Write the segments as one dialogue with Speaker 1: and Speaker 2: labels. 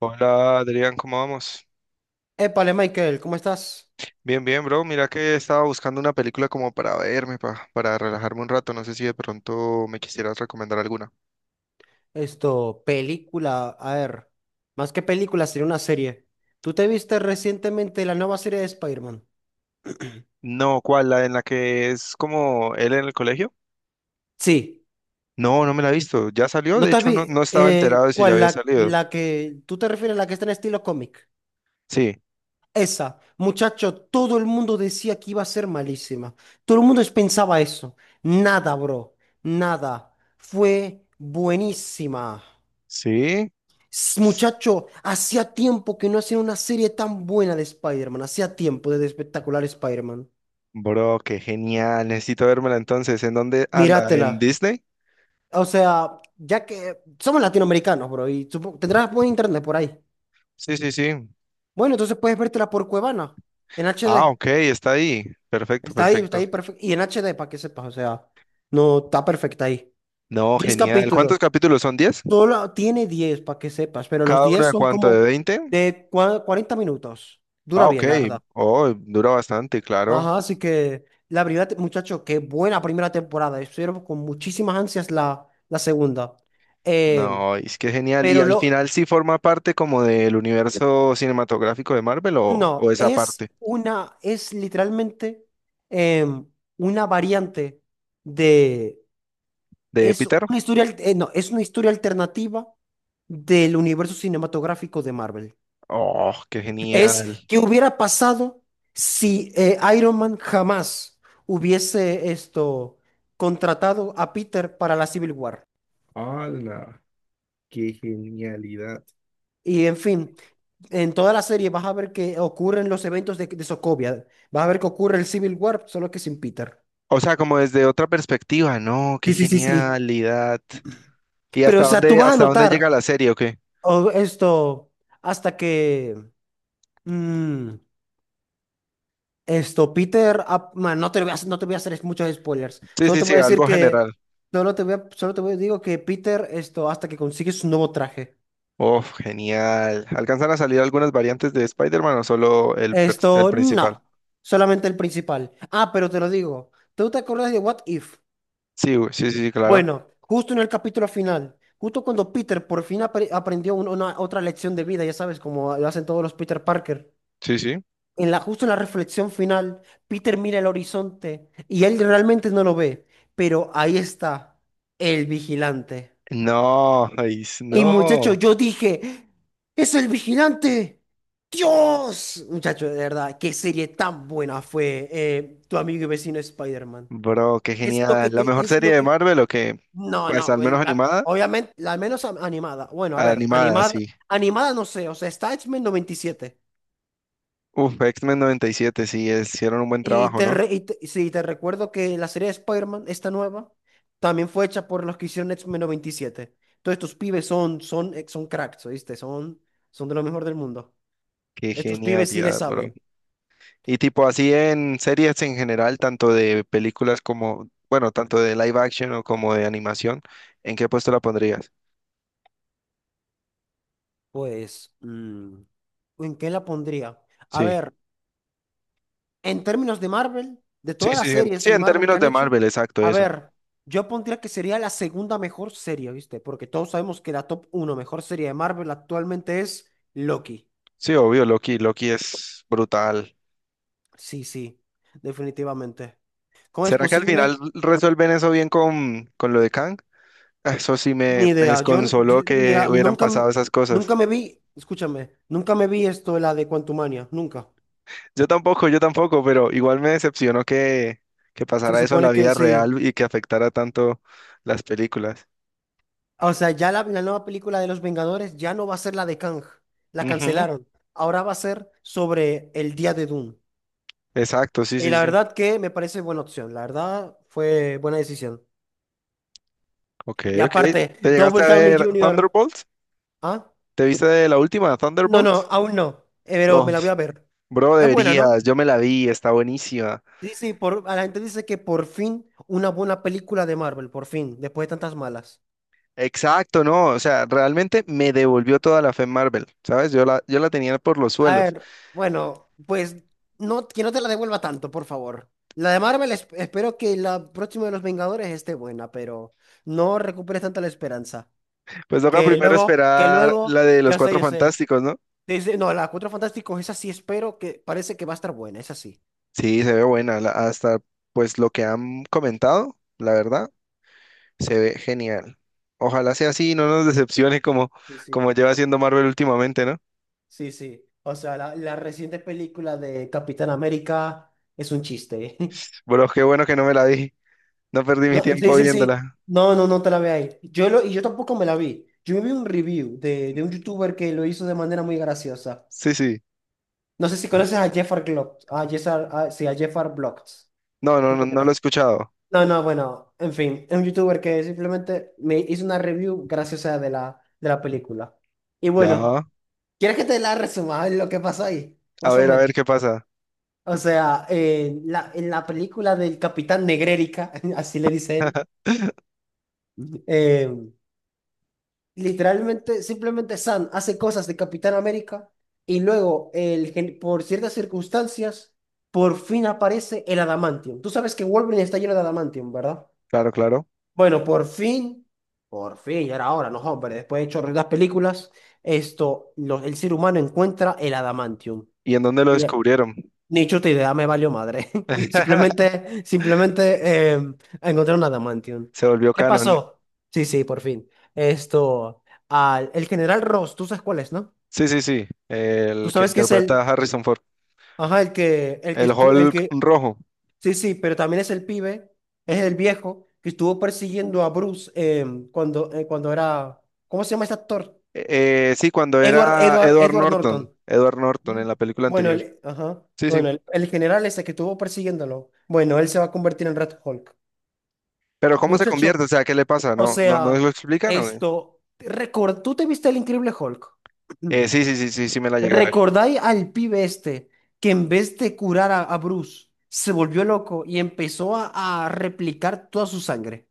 Speaker 1: Hola Adrián, ¿cómo vamos?
Speaker 2: Épale, Michael, ¿cómo estás?
Speaker 1: Bien, bien, bro. Mira que estaba buscando una película como para verme, para relajarme un rato. No sé si de pronto me quisieras recomendar alguna.
Speaker 2: Esto, película, a ver, más que película, sería una serie. ¿Tú te viste recientemente la nueva serie de Spider-Man?
Speaker 1: No, ¿cuál? ¿La en la que es como él en el colegio?
Speaker 2: Sí.
Speaker 1: No, no me la he visto. ¿Ya salió?
Speaker 2: ¿No
Speaker 1: De
Speaker 2: te
Speaker 1: hecho, no,
Speaker 2: vi?
Speaker 1: no estaba
Speaker 2: Eh,
Speaker 1: enterado de si ya
Speaker 2: ¿cuál?
Speaker 1: había
Speaker 2: La,
Speaker 1: salido.
Speaker 2: la que, ¿tú te refieres a la que está en estilo cómic?
Speaker 1: Sí,
Speaker 2: Esa, muchacho, todo el mundo decía que iba a ser malísima. Todo el mundo pensaba eso. Nada, bro, nada. Fue buenísima.
Speaker 1: sí.
Speaker 2: Muchacho, hacía tiempo que no hacía una serie tan buena de Spider-Man. Hacía tiempo desde espectacular Spider-Man.
Speaker 1: Bro, qué genial. Necesito vérmela entonces. ¿En dónde anda? ¿En
Speaker 2: Míratela.
Speaker 1: Disney?
Speaker 2: O sea, ya que somos latinoamericanos, bro, y tendrás buen internet por ahí.
Speaker 1: Sí, sí, sí.
Speaker 2: Bueno, entonces puedes vértela por Cuevana, en
Speaker 1: Ah,
Speaker 2: HD.
Speaker 1: ok, está ahí. Perfecto,
Speaker 2: Está
Speaker 1: perfecto.
Speaker 2: ahí perfecto. Y en HD, para que sepas, o sea, no, está perfecta ahí.
Speaker 1: No,
Speaker 2: 10
Speaker 1: genial.
Speaker 2: capítulos.
Speaker 1: ¿Cuántos capítulos son? 10.
Speaker 2: Solo tiene 10 para que sepas, pero los
Speaker 1: ¿Cada uno
Speaker 2: 10
Speaker 1: de
Speaker 2: son
Speaker 1: cuánto? ¿De
Speaker 2: como
Speaker 1: veinte?
Speaker 2: de 40 minutos. Dura
Speaker 1: Ah, ok.
Speaker 2: bien, la verdad.
Speaker 1: Oh, dura bastante, claro.
Speaker 2: Ajá, así que la primera, muchacho, qué buena primera temporada. Estuvieron con muchísimas ansias la segunda. Eh,
Speaker 1: No, es que genial. ¿Y
Speaker 2: pero
Speaker 1: al
Speaker 2: lo,
Speaker 1: final sí forma parte como del universo cinematográfico de Marvel o
Speaker 2: no,
Speaker 1: esa
Speaker 2: es
Speaker 1: parte
Speaker 2: una, es literalmente em, una variante de,
Speaker 1: de
Speaker 2: es
Speaker 1: Peter?
Speaker 2: una historia, no, es una historia alternativa del universo cinematográfico de Marvel.
Speaker 1: Oh, qué genial.
Speaker 2: Es que hubiera pasado si Iron Man jamás hubiese esto contratado a Peter para la Civil War.
Speaker 1: ¡Hala! ¡Qué genialidad!
Speaker 2: Y en fin, en toda la serie vas a ver que ocurren los eventos de Sokovia. Vas a ver que ocurre el Civil War, solo que sin Peter.
Speaker 1: O sea, como desde otra perspectiva, no, qué
Speaker 2: Sí, sí, sí, sí.
Speaker 1: genialidad. ¿Y
Speaker 2: Pero, o sea, tú vas a
Speaker 1: hasta dónde llega
Speaker 2: notar
Speaker 1: la serie o qué?
Speaker 2: esto hasta que mm, esto, Peter. Man, no te lo voy a, hacer- no te voy a hacer muchos spoilers.
Speaker 1: Sí,
Speaker 2: Solo
Speaker 1: sí,
Speaker 2: te
Speaker 1: sí,
Speaker 2: voy a decir
Speaker 1: algo
Speaker 2: que.
Speaker 1: general.
Speaker 2: Solo te voy a digo que Peter, esto, hasta que consigue su nuevo traje.
Speaker 1: Oh, genial. ¿Alcanzan a salir algunas variantes de Spider-Man o solo el, el
Speaker 2: Esto,
Speaker 1: principal?
Speaker 2: no. Solamente el principal. Ah, pero te lo digo. ¿Tú te acuerdas de What If?
Speaker 1: Sí, güey, sí, sí, sí, claro.
Speaker 2: Bueno, justo en el capítulo final, justo cuando Peter por fin aprendió una otra lección de vida, ya sabes, como lo hacen todos los Peter Parker,
Speaker 1: Sí, sí.
Speaker 2: justo en la reflexión final, Peter mira el horizonte y él realmente no lo ve, pero ahí está el vigilante.
Speaker 1: No, ay,
Speaker 2: Y
Speaker 1: no,
Speaker 2: muchacho, yo dije, ¡es el vigilante! ¡Dios! Muchacho, de verdad, qué serie tan buena fue tu amigo y vecino Spider-Man.
Speaker 1: bro, qué genial. ¿La mejor
Speaker 2: Es
Speaker 1: serie
Speaker 2: lo
Speaker 1: de
Speaker 2: que.
Speaker 1: Marvel o qué?
Speaker 2: No,
Speaker 1: Pues al
Speaker 2: no,
Speaker 1: menos animada.
Speaker 2: obviamente, al menos animada. Bueno, a ver,
Speaker 1: Animada,
Speaker 2: animada,
Speaker 1: sí.
Speaker 2: animada no sé, o sea, está X-Men 97.
Speaker 1: Uf, X-Men 97, sí, hicieron un buen
Speaker 2: Y siete. Y
Speaker 1: trabajo,
Speaker 2: te,
Speaker 1: ¿no?
Speaker 2: re- y te- sí, te recuerdo que la serie de Spider-Man, esta nueva, también fue hecha por los que hicieron X-Men 97. Todos estos pibes son cracks, ¿oíste? Son de lo mejor del mundo.
Speaker 1: Qué
Speaker 2: Estos pibes sí le
Speaker 1: genialidad, bro.
Speaker 2: saben.
Speaker 1: Y tipo así en series en general, tanto de películas como, bueno, tanto de live action o como de animación, ¿en qué puesto la pondrías?
Speaker 2: Pues, ¿en qué la pondría? A
Speaker 1: Sí,
Speaker 2: ver. En términos de Marvel, de
Speaker 1: sí,
Speaker 2: todas las
Speaker 1: sí, en,
Speaker 2: series
Speaker 1: sí,
Speaker 2: de
Speaker 1: en
Speaker 2: Marvel que
Speaker 1: términos
Speaker 2: han
Speaker 1: de
Speaker 2: hecho,
Speaker 1: Marvel, exacto,
Speaker 2: a
Speaker 1: eso.
Speaker 2: ver, yo pondría que sería la segunda mejor serie, ¿viste? Porque todos sabemos que la top uno mejor serie de Marvel actualmente es Loki.
Speaker 1: Sí, obvio, Loki, Loki es brutal.
Speaker 2: Sí, sí, definitivamente. ¿Cómo es
Speaker 1: ¿Será que al
Speaker 2: posible?
Speaker 1: final resuelven eso bien con lo de Kang? Ah, eso sí
Speaker 2: Ni
Speaker 1: me
Speaker 2: idea. Yo,
Speaker 1: desconsoló que
Speaker 2: mira,
Speaker 1: hubieran
Speaker 2: nunca,
Speaker 1: pasado esas cosas.
Speaker 2: nunca me vi, escúchame, nunca me vi esto, la de Quantumania, nunca.
Speaker 1: Yo tampoco, pero igual me decepcionó que
Speaker 2: Se
Speaker 1: pasara eso en la
Speaker 2: supone que
Speaker 1: vida
Speaker 2: sí.
Speaker 1: real y que afectara tanto las películas.
Speaker 2: O sea, ya la nueva película de Los Vengadores ya no va a ser la de Kang. La
Speaker 1: Ujú.
Speaker 2: cancelaron. Ahora va a ser sobre el día de Doom.
Speaker 1: Exacto, sí,
Speaker 2: Y
Speaker 1: sí,
Speaker 2: la
Speaker 1: sí.
Speaker 2: verdad que me parece buena opción. La verdad fue buena decisión.
Speaker 1: Ok,
Speaker 2: Y
Speaker 1: ok.
Speaker 2: aparte,
Speaker 1: ¿Te llegaste
Speaker 2: Double
Speaker 1: a
Speaker 2: Downey
Speaker 1: ver
Speaker 2: Junior,
Speaker 1: Thunderbolts?
Speaker 2: ¿Ah?
Speaker 1: ¿Te viste la última,
Speaker 2: No, no,
Speaker 1: Thunderbolts?
Speaker 2: aún no. Pero
Speaker 1: Oh,
Speaker 2: me la voy a ver.
Speaker 1: bro,
Speaker 2: Es buena, ¿no?
Speaker 1: deberías, yo me la vi, está buenísima.
Speaker 2: Sí, sí, a la gente dice que por fin una buena película de Marvel, por fin, después de tantas malas.
Speaker 1: Exacto, no, o sea, realmente me devolvió toda la fe en Marvel, ¿sabes? Yo la, yo la tenía por los
Speaker 2: A
Speaker 1: suelos.
Speaker 2: ver, bueno, pues no, que no te la devuelva tanto, por favor. La de Marvel, espero que la próxima de los Vengadores esté buena, pero no recuperes tanta la esperanza.
Speaker 1: Pues toca primero
Speaker 2: Que
Speaker 1: esperar la
Speaker 2: luego,
Speaker 1: de los
Speaker 2: ya sé,
Speaker 1: Cuatro
Speaker 2: yo sé.
Speaker 1: Fantásticos, ¿no?
Speaker 2: Dice, no, la Cuatro Fantásticos, esa sí espero que parece que va a estar buena, esa sí.
Speaker 1: Sí, se ve buena. Hasta pues lo que han comentado, la verdad, se ve genial. Ojalá sea así y no nos decepcione como,
Speaker 2: Sí,
Speaker 1: como
Speaker 2: sí,
Speaker 1: lleva haciendo Marvel últimamente, ¿no?
Speaker 2: sí, sí. O sea, la reciente película de Capitán América es un chiste.
Speaker 1: Bueno, qué bueno que no me la vi. No perdí mi
Speaker 2: No, sí,
Speaker 1: tiempo
Speaker 2: sí, sí.
Speaker 1: viéndola.
Speaker 2: No, no, no te la veáis. Y yo tampoco me la vi. Yo vi un review de un youtuber que lo hizo de manera muy graciosa.
Speaker 1: Sí, sí.
Speaker 2: No sé si conoces a Jeffar Glocks. A Jeffar, sí, a Jeffar Blocks.
Speaker 1: No, no, no,
Speaker 2: Supongo que
Speaker 1: no lo he
Speaker 2: no.
Speaker 1: escuchado.
Speaker 2: No, no, bueno, en fin, es un youtuber que simplemente me hizo una review graciosa de la película. Y bueno,
Speaker 1: Ya.
Speaker 2: ¿quieres que te la resuma lo que pasó ahí? Más o
Speaker 1: A
Speaker 2: menos.
Speaker 1: ver qué pasa.
Speaker 2: O sea, en la película del Capitán Negrérica, así le dice él. em, Literalmente, simplemente Sam hace cosas de Capitán América y luego, por ciertas circunstancias, por fin aparece el adamantium. Tú sabes que Wolverine está lleno de adamantium, ¿verdad?
Speaker 1: Claro, claro.
Speaker 2: Bueno, por fin, ya era hora, no, hombre, después de chorro de las películas, esto, el ser humano encuentra el adamantium.
Speaker 1: ¿Y en dónde lo descubrieron?
Speaker 2: Ni chuta idea, me valió madre. Simplemente, encontré un adamantium.
Speaker 1: Se volvió
Speaker 2: ¿Qué
Speaker 1: canon.
Speaker 2: pasó? Sí, sí, por fin. Esto, el general Ross, tú sabes cuál es, ¿no?
Speaker 1: Sí, sí, sí.
Speaker 2: Tú
Speaker 1: El que
Speaker 2: sabes que es
Speaker 1: interpreta a Harrison Ford.
Speaker 2: ajá, el que,
Speaker 1: El Hulk rojo.
Speaker 2: sí, sí, pero también es el pibe, es el viejo que estuvo persiguiendo a Bruce cuando era, ¿cómo se llama este actor?
Speaker 1: Sí, cuando
Speaker 2: Edward,
Speaker 1: era
Speaker 2: Edward,
Speaker 1: Edward
Speaker 2: Edward Norton.
Speaker 1: Norton. Edward Norton
Speaker 2: Mm.
Speaker 1: en la película
Speaker 2: Bueno,
Speaker 1: anterior.
Speaker 2: ajá,
Speaker 1: Sí, sí.
Speaker 2: bueno, el general ese que estuvo persiguiéndolo, bueno, él se va a convertir en Red Hulk.
Speaker 1: Pero ¿cómo se convierte?
Speaker 2: Muchacho,
Speaker 1: O sea, ¿qué le pasa?
Speaker 2: o
Speaker 1: ¿No, no, no lo
Speaker 2: sea,
Speaker 1: explican o qué?
Speaker 2: esto, record, ¿tú te viste el Increíble Hulk?
Speaker 1: Sí, sí, sí, sí, sí me la llegué a ver.
Speaker 2: ¿Recordáis al pibe este que en vez de curar a Bruce, se volvió loco y empezó a replicar toda su sangre?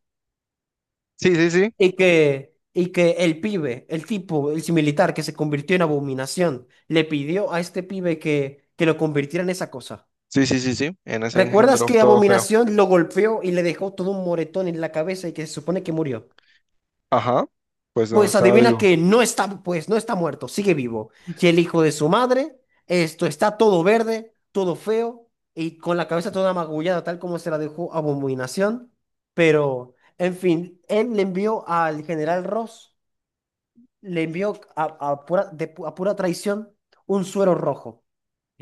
Speaker 1: Sí, sí, sí.
Speaker 2: Y que el pibe, el tipo, el militar que se convirtió en abominación, le pidió a este pibe que lo convirtiera en esa cosa.
Speaker 1: Sí, sí, sí, sí. En ese
Speaker 2: ¿Recuerdas
Speaker 1: engendro
Speaker 2: que
Speaker 1: todo feo.
Speaker 2: Abominación lo golpeó y le dejó todo un moretón en la cabeza y que se supone que murió?
Speaker 1: Ajá. Pues no,
Speaker 2: Pues
Speaker 1: estaba
Speaker 2: adivina
Speaker 1: vivo.
Speaker 2: que no está, pues no está muerto, sigue vivo. Y el hijo de su madre, esto está todo verde, todo feo y con la cabeza toda magullada, tal como se la dejó Abominación. Pero, en fin, él le envió al general Ross, le envió a pura traición un suero rojo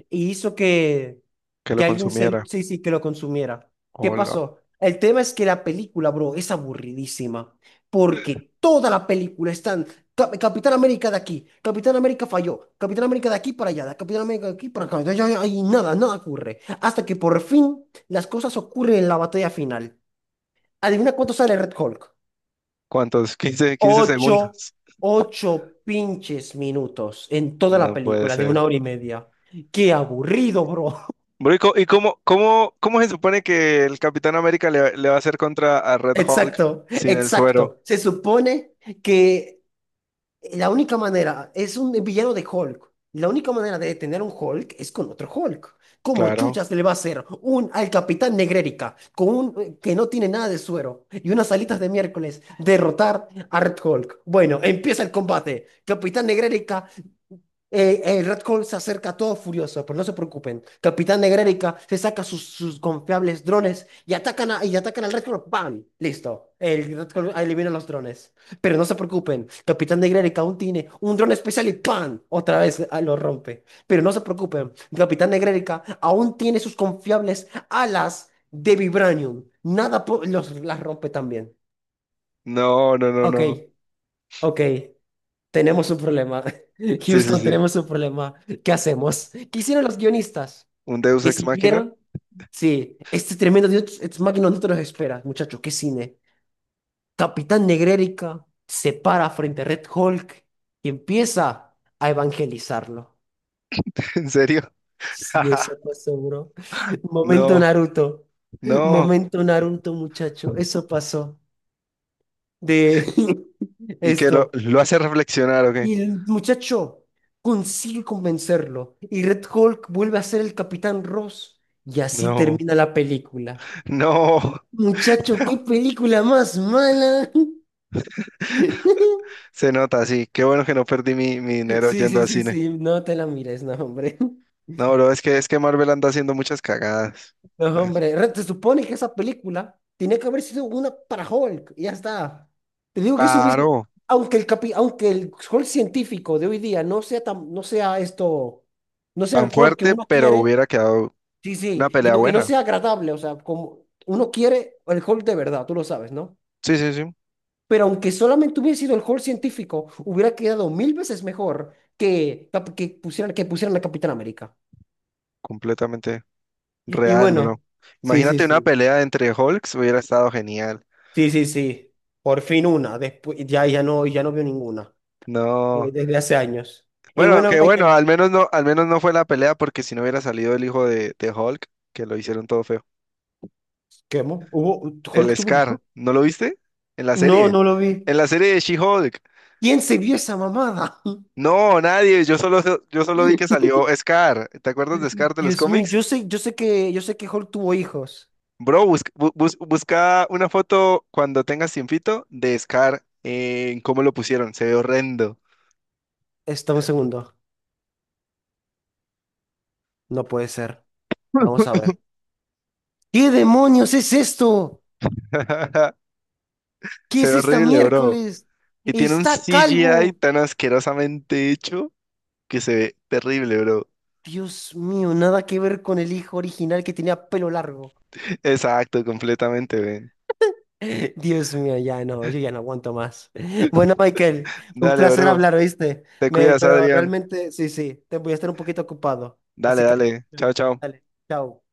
Speaker 2: y hizo que,
Speaker 1: Que lo
Speaker 2: que alguien
Speaker 1: consumiera.
Speaker 2: sí, sí, que lo consumiera. ¿Qué
Speaker 1: Hola.
Speaker 2: pasó? El tema es que la película, bro, es aburridísima, porque toda la película están Capitán América de aquí, Capitán América falló, Capitán América de aquí para allá, Capitán América de aquí para acá, y nada, nada ocurre. Hasta que por fin las cosas ocurren en la batalla final. Adivina cuánto sale Red Hulk.
Speaker 1: ¿Cuántos? Quince, 15
Speaker 2: 8,
Speaker 1: segundos.
Speaker 2: 8 pinches minutos en toda la
Speaker 1: No puede
Speaker 2: película de
Speaker 1: ser.
Speaker 2: una hora y media. Qué aburrido, bro.
Speaker 1: Bro, ¿y y cómo, cómo, cómo se supone que el Capitán América le, le va a hacer contra a Red Hulk
Speaker 2: Exacto,
Speaker 1: sin el suero?
Speaker 2: exacto. Se supone que la única manera, es un villano de Hulk. La única manera de detener a un Hulk es con otro Hulk. ¿Cómo
Speaker 1: Claro.
Speaker 2: chuchas le va a hacer un al Capitán Negrérica con un que no tiene nada de suero y unas alitas de miércoles derrotar a Red Hulk? Bueno, empieza el combate. Capitán Negrérica, el Red Hulk se acerca todo furioso, pero no se preocupen. Capitán Negrérica se saca sus confiables drones y atacan y atacan al Red Hulk. ¡Bam! Listo. El Red Hulk elimina los drones. Pero no se preocupen, Capitán de Grey aún tiene un dron especial y ¡pam! Otra vez ah, lo rompe. Pero no se preocupen, Capitán de Grey aún tiene sus confiables alas de vibranium. Nada los, las rompe también.
Speaker 1: No, no, no,
Speaker 2: Ok,
Speaker 1: no.
Speaker 2: ok, tenemos un problema.
Speaker 1: Sí, sí,
Speaker 2: Houston,
Speaker 1: sí.
Speaker 2: tenemos un problema. ¿Qué hacemos? ¿Qué hicieron los guionistas?
Speaker 1: ¿Un Deus ex máquina?
Speaker 2: Decidieron. Sí, este tremendo Dios Ex Machina no te los espera, muchachos, qué cine. Capitán Negrérica se para frente a Red Hulk y empieza a evangelizarlo.
Speaker 1: ¿En serio?
Speaker 2: Sí, eso pasó, bro. Momento
Speaker 1: No,
Speaker 2: Naruto.
Speaker 1: no.
Speaker 2: Momento Naruto, muchacho. Eso pasó de
Speaker 1: ¿Y que
Speaker 2: esto.
Speaker 1: lo hace reflexionar o qué?
Speaker 2: Y el muchacho consigue convencerlo. Y Red Hulk vuelve a ser el Capitán Ross. Y así
Speaker 1: No,
Speaker 2: termina la película.
Speaker 1: no.
Speaker 2: Muchacho, qué película más mala.
Speaker 1: Se nota, sí. Qué bueno que no perdí mi, mi dinero
Speaker 2: Sí,
Speaker 1: yendo
Speaker 2: sí,
Speaker 1: al
Speaker 2: sí,
Speaker 1: cine.
Speaker 2: sí. No te la mires, no, hombre.
Speaker 1: No, bro, es que Marvel anda haciendo muchas cagadas.
Speaker 2: No,
Speaker 1: Ay,
Speaker 2: hombre, se supone que esa película tenía que haber sido una para Hulk, y ya está. Te digo que eso hubiese,
Speaker 1: paró.
Speaker 2: aunque el Hulk científico de hoy día no sea tan, no sea esto, no sea el
Speaker 1: Tan
Speaker 2: Hulk que
Speaker 1: fuerte,
Speaker 2: uno
Speaker 1: pero
Speaker 2: quiere,
Speaker 1: hubiera quedado
Speaker 2: sí,
Speaker 1: una
Speaker 2: sí, y
Speaker 1: pelea
Speaker 2: aunque no
Speaker 1: buena.
Speaker 2: sea agradable, o sea, como uno quiere el Hulk de verdad, tú lo sabes, ¿no?
Speaker 1: Sí, sí, sí.
Speaker 2: Pero aunque solamente hubiese sido el Hulk científico, hubiera quedado mil veces mejor que pusieran a Capitán América.
Speaker 1: Completamente
Speaker 2: Y
Speaker 1: real,
Speaker 2: bueno,
Speaker 1: bro.
Speaker 2: sí, sí,
Speaker 1: Imagínate una
Speaker 2: sí.
Speaker 1: pelea entre Hulks, hubiera estado genial.
Speaker 2: Sí, sí, sí. Por fin una. Después, ya no veo ninguna.
Speaker 1: No.
Speaker 2: Desde hace años. Y
Speaker 1: Bueno,
Speaker 2: bueno,
Speaker 1: que bueno,
Speaker 2: Michael.
Speaker 1: al menos no fue la pelea porque si no hubiera salido el hijo de Hulk, que lo hicieron todo feo.
Speaker 2: ¿Qué, mo? Hulk
Speaker 1: El
Speaker 2: tuvo un
Speaker 1: Scar,
Speaker 2: hijo?
Speaker 1: ¿no lo viste? En la
Speaker 2: No,
Speaker 1: serie.
Speaker 2: no lo vi.
Speaker 1: En la serie de She-Hulk.
Speaker 2: ¿Quién se vio esa mamada?
Speaker 1: No, nadie, yo solo vi que salió Scar. ¿Te acuerdas de Scar de los
Speaker 2: Dios mío,
Speaker 1: cómics?
Speaker 2: yo sé que Hulk tuvo hijos.
Speaker 1: Bro, busca, busca una foto cuando tengas tiempito de Scar en cómo lo pusieron. Se ve horrendo.
Speaker 2: Está un segundo. No puede ser. Vamos a ver. ¿Qué demonios es esto? ¿Qué
Speaker 1: Se
Speaker 2: es
Speaker 1: ve
Speaker 2: esta
Speaker 1: horrible, bro.
Speaker 2: miércoles?
Speaker 1: Y tiene un
Speaker 2: Está
Speaker 1: CGI
Speaker 2: calvo.
Speaker 1: tan asquerosamente hecho que se ve terrible, bro.
Speaker 2: Dios mío, nada que ver con el hijo original que tenía pelo largo.
Speaker 1: Exacto, completamente, ven.
Speaker 2: Dios mío, yo ya no aguanto más. Bueno, Michael, un
Speaker 1: Dale,
Speaker 2: placer
Speaker 1: bro.
Speaker 2: hablar, ¿oíste?
Speaker 1: Te
Speaker 2: Me,
Speaker 1: cuidas,
Speaker 2: pero
Speaker 1: Adrián.
Speaker 2: realmente, sí, sí, te voy a estar un poquito ocupado.
Speaker 1: Dale,
Speaker 2: Así que,
Speaker 1: dale. Chao, chao.
Speaker 2: dale, chao.